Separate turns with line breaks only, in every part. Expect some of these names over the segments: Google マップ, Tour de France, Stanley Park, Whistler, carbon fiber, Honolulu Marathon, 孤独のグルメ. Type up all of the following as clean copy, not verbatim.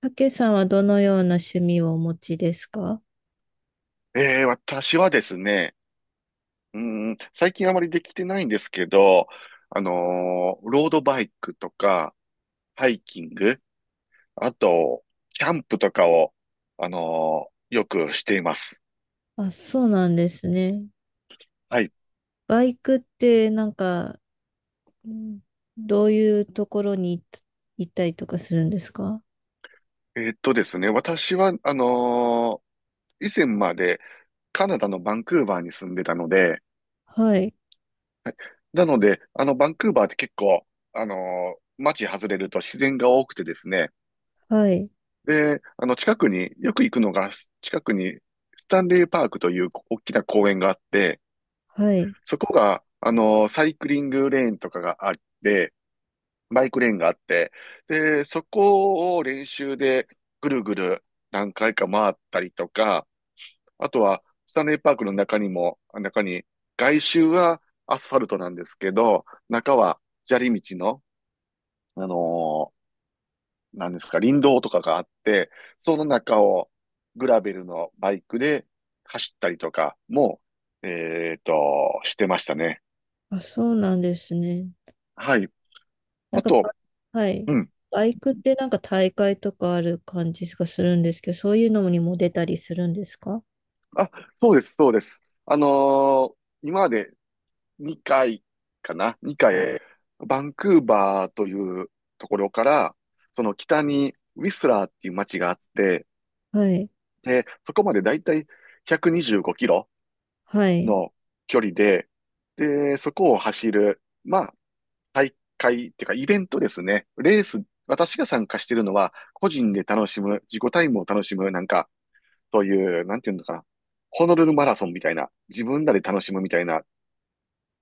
たけさんはどのような趣味をお持ちですか？
ええ、私はですね、うー最近あまりできてないんですけど、ロードバイクとか、ハイキング、あと、キャンプとかを、よくしています。
あ、そうなんですね。
はい。
バイクってなんか、うん、どういうところに行っ行ったりとかするんですか？
ですね、私は、以前までカナダのバンクーバーに住んでたので、
はい、
なので、バンクーバーって結構、あの街外れると自然が多くてですね、
はい、
で、近くに、よく行くのが、近くに、スタンレーパークという大きな公園があって、
はい。
そこが、サイクリングレーンとかがあって、バイクレーンがあって、で、そこを練習でぐるぐる何回か回ったりとか、あとは、スタンレーパークの中にも、外周はアスファルトなんですけど、中は砂利道の、あのなんですか、林道とかがあって、その中をグラベルのバイクで走ったりとかも、えっと、してましたね。
あ、そうなんですね。
はい。
なん
あ
か
と、
バ、はい。
うん。
バイクってなんか大会とかある感じがするんですけど、そういうのにも出たりするんですか？
あ、そうです、そうです。ー今まで2回かな？ 2 回、バンクーバーというところから、その北にウィスラーっていう街があって、
はい、
で、そこまでだいたい1 2キロ
はい、
の距離で、で、そこを走る、まあ、大会っていうかイベントですね。レース、私が参加してるのは、個人で楽しむ、自己タイムを楽しむ、なんか、そういう、なんていうのかな。ホノルルマラソンみたいな、自分らで楽しむみたいな、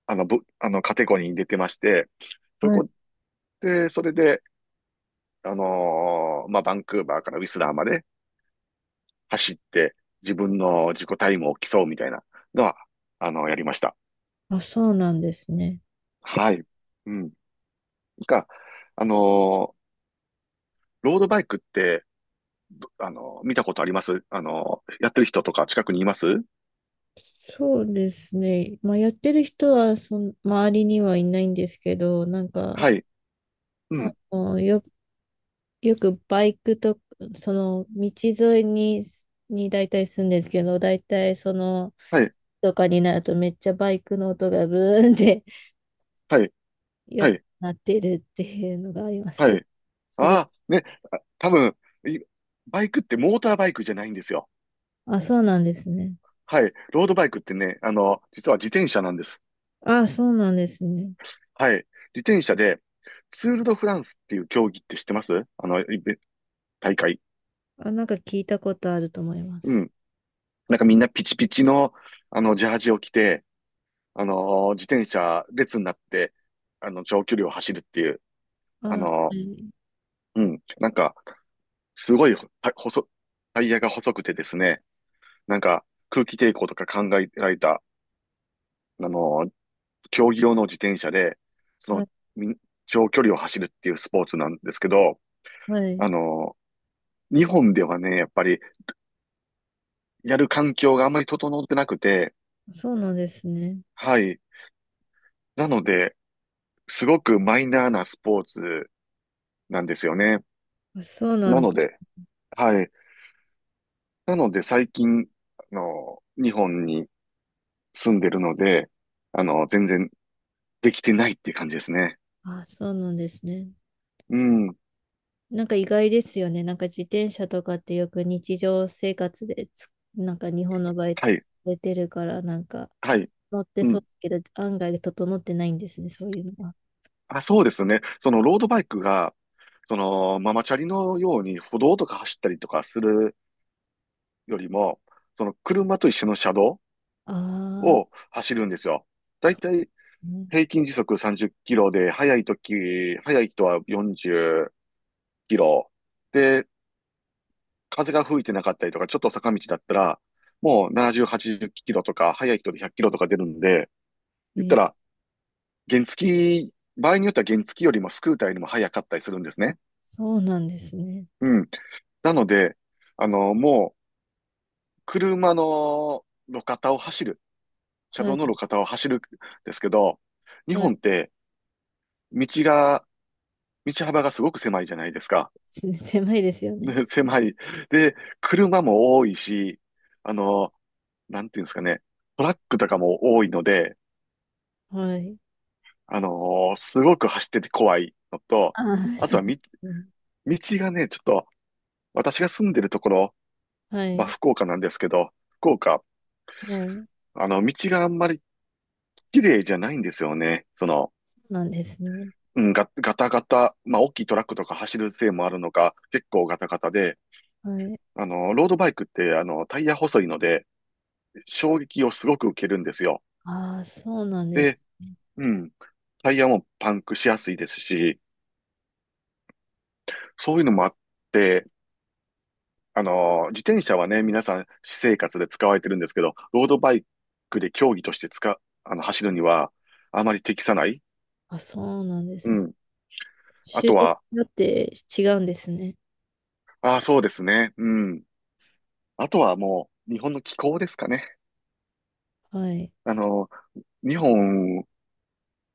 あの、ぶ、あの、カテゴリーに出てまして、そ
はい。
こそれで、まあ、バンクーバーからウィスラーまで走って、自分の自己タイムを競うみたいなのは、やりました。
あ、そうなんですね。
はい。うん。が、あのーロードバイクって、見たことあります？やってる人とか近くにいます？
そうですね。まあ、やってる人はその、周りにはいないんですけど、なんか、
はい。う
あ
ん。
の、よ、よくバイクと、その、道沿いに、に大体住んでるんですけど、大体その、
はい。
とかになるとめっちゃバイクの音がブーンって
はい。は
よく
い。
なってるっていうのがあります
は
けど、
い。
それ、
ああ、ね。あ、多分、いバイクってモーターバイクじゃないんですよ。
あ、そうなんですね。
はい。ロードバイクってね、実は自転車なんです。
あ、そうなんですね。
はい。自転車で、ツール・ド・フランスっていう競技って知ってます？大会。
あ、なんか聞いたことあると思いま
う
す。
ん。なんかみんなピチピチの、ジャージを着て、自転車列になって、長距離を走るっていう、
あ、
あ
は
の、
い。
うん。なんか、すごいほた細、タイヤが細くてですね、なんか空気抵抗とか考えられた、あの、競技用の自転車で、その、
あ、
み長距離を走るっていうスポーツなんですけど、
は
あ
い。
の、日本ではね、やっぱりやる環境があんまり整ってなくて、
そうなんですね。
はい。なので、すごくマイナーなスポーツなんですよね。
あそうな
な
ん
ので、はい。なので最近、日本に住んでるので、全然できてないっていう感じですね。
あ、そうなんですね。
うん。
なんか意外ですよね。なんか自転車とかってよく日常生活でつ、なんか日本の場合
は
使
い。
れてるから、なんか
はい。
乗って
う
そう
ん。
だけど、案外整ってないんですね、そういうのは。
あ、そうですね。そのロードバイクが、そのママチャリのように歩道とか走ったりとかするよりも、その車と一緒の車道
あ
を
あ、
走るんですよ。だいたい
ね、
平均時速30キロで、速い時、速い人は40キロ。で、風が吹いてなかったりとか、ちょっと坂道だったら、もう70、80キロとか、速い人で100キロとか出るんで、
え
言った
ー、
ら原付き、場合によっては原付きよりもスクーターよりも早かったりするんですね。
そうなんですね。
うん。なので、もう、車の路肩を走る、車
は
道
い、
の路肩を走るんですけど、日
はい。
本って道が、道幅がすごく狭いじゃないですか。
す 狭いですよ ね。
ね狭い。で、車も多いし、あの、なんていうんですかね、トラックとかも多いので、
はい。
すごく走ってて怖いのと、
ああ、
あ
そ
と
う。
はみ、
うん、
道がね、ちょっと、私が住んでるところ
は
まあ、
い、
福岡なんですけど、福岡、
はい。
あの、道があんまり綺麗じゃないんですよね。その、
なんですね。
ガタガタ、まあ、大きいトラックとか走るせいもあるのか、結構ガタガタで、
はい。
ロードバイクって、タイヤ細いので、衝撃をすごく受けるんですよ。
ああ、そうなんです。
で、うん、タイヤもパンクしやすいですし、そういうのもあって、自転車はね、皆さん、私生活で使われてるんですけど、ロードバイクで競技として使う、走るには、あまり適さない。
あ、そうなんで
う
すね。
ん。あ
種
と
類
は、
によって違うんですね。
ああ、そうですね。うん。あとはもう、日本の気候ですかね。
はい。
あの、日本、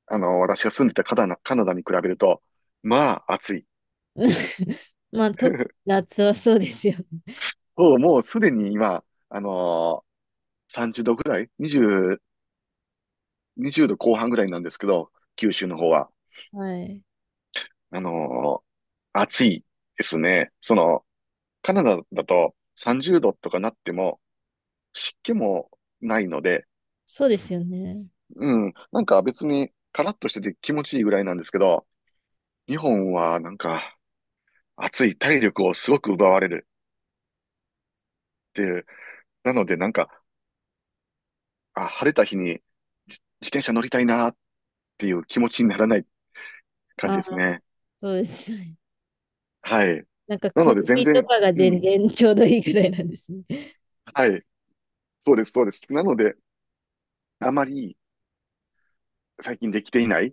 私が住んでたカナダに比べると、まあ、暑い。
まあ、特に 夏はそうですよね。
そう、もうすでに今、あの30度ぐらい ?20、20度後半ぐらいなんですけど、九州の方は。
はい。
あの暑いですね。その、カナダだと30度とかなっても、湿気もないので、
そうですよね。
うん、なんか別にカラッとしてて気持ちいいぐらいなんですけど、日本はなんか暑い体力をすごく奪われるっていう。なのでなんか、あ、晴れた日に自転車乗りたいなっていう気持ちにならない感
あ
じです
あ、
ね。
そうです。
はい。
なんか
な
曇
ので全
りと
然、
かが
う
全
ん。
然ちょうどいいぐらいなんですね。
はい。そうです、そうです。なので、あまり最近できていない。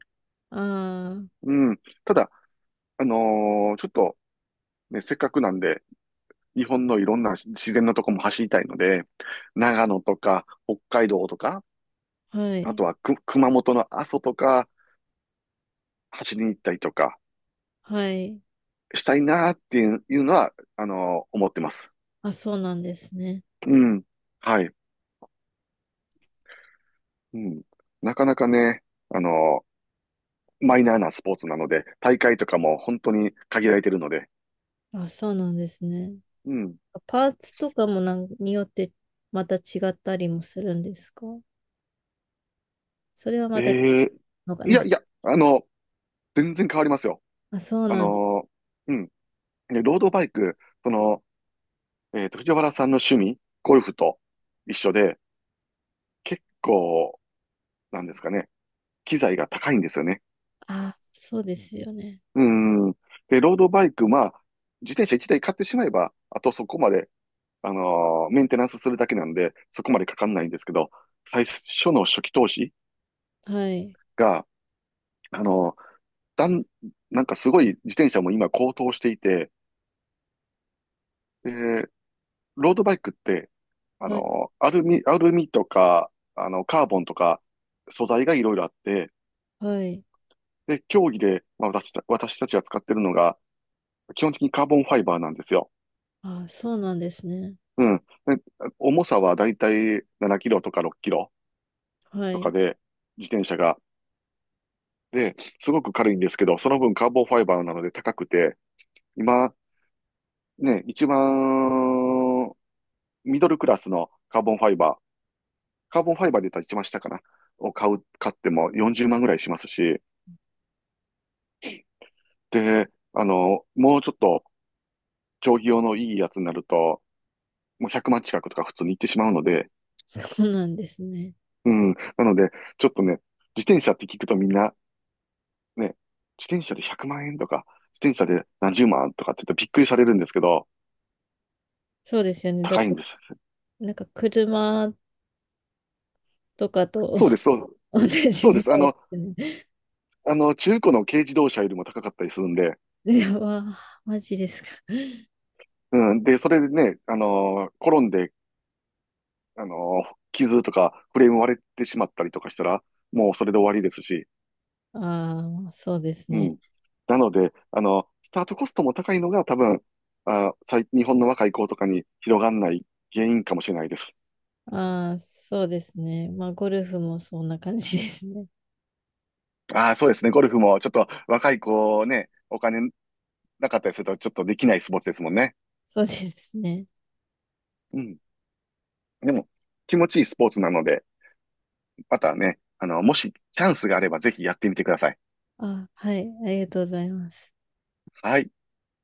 あ
うん。ただ、ちょっと、ね、せっかくなんで、日本のいろんな自然のとこも走りたいので、長野とか、北海道とか、
あ、は
あ
い。
とは熊本の阿蘇とか、走りに行ったりとか、
はい。
したいなっていうのは、思ってます。
あ、そうなんですね。
うん。はい。うん。なかなかね、あの、マイナーなスポーツなので、大会とかも本当に限られてるので。
あ、そうなんですね。
うん。
パーツとかもなんによってまた違ったりもするんですか？それはまた違う
ええ
のか
い
な
や いや、全然変わりますよ。
あ、そう
あ
なんだ。
の、うん。でロードバイク、その、藤原さんの趣味、ゴルフと一緒で、結構、なんですかね、機材が高いんですよね。
あ、そうですよね。
うん。で、ロードバイク、まあ、自転車1台買ってしまえば、あとそこまでメンテナンスするだけなんで、そこまでかかんないんですけど、最初の初期投資
はい。
が、あのーだん、なんかすごい自転車も今高騰していて、で、ロードバイクって、
はい。
アルミとか、カーボンとか、素材がいろいろあって、
はい。
で、競技で、まあ、私たちが使ってるのが、基本的にカーボンファイバーなんですよ。
あ、そうなんですね。
うん。で重さはだいたい7キロとか6キロ
は
とか
い。
で、自転車がで、すごく軽いんですけど、その分カーボンファイバーなので高くて、今、ね、一番ミドルクラスのカーボンファイバー、カーボンファイバーで言ったら一番下かな、を買う、買っても40万ぐらいしますし、で、もうちょっと競技用のいいやつになると、もう100万近くとか普通に行ってしまうので、
そうなんですね。
うん、なので、ちょっとね、自転車って聞くとみんな、ね、自転車で100万円とか、自転車で何十万とかって言ってびっくりされるんですけど、
そうですよね。だっ
高
て、
いんです。
なんか車とかと
そうです、そう、
同じ
そうで
ぐ
す。
らいですね。
中古の軽自動車よりも高かったりするんで、
いや、わあ、マジですか。
うん。で、それでね、転んで、傷とかフレーム割れてしまったりとかしたら、もうそれで終わりですし、
ああ、そうです
う
ね。
ん。なので、スタートコストも高いのが多分、あ、日本の若い子とかに広がんない原因かもしれないです。
ああ、そうですね。まあ、ゴルフもそんな感じですね。
ああ、そうですね。ゴルフもちょっと若い子ね、お金なかったりするとちょっとできないスポーツですもんね。
そうですね。
うん。でも、気持ちいいスポーツなので、またね、もしチャンスがあればぜひやってみてください。
あ、はい、ありがとうございます。
はい。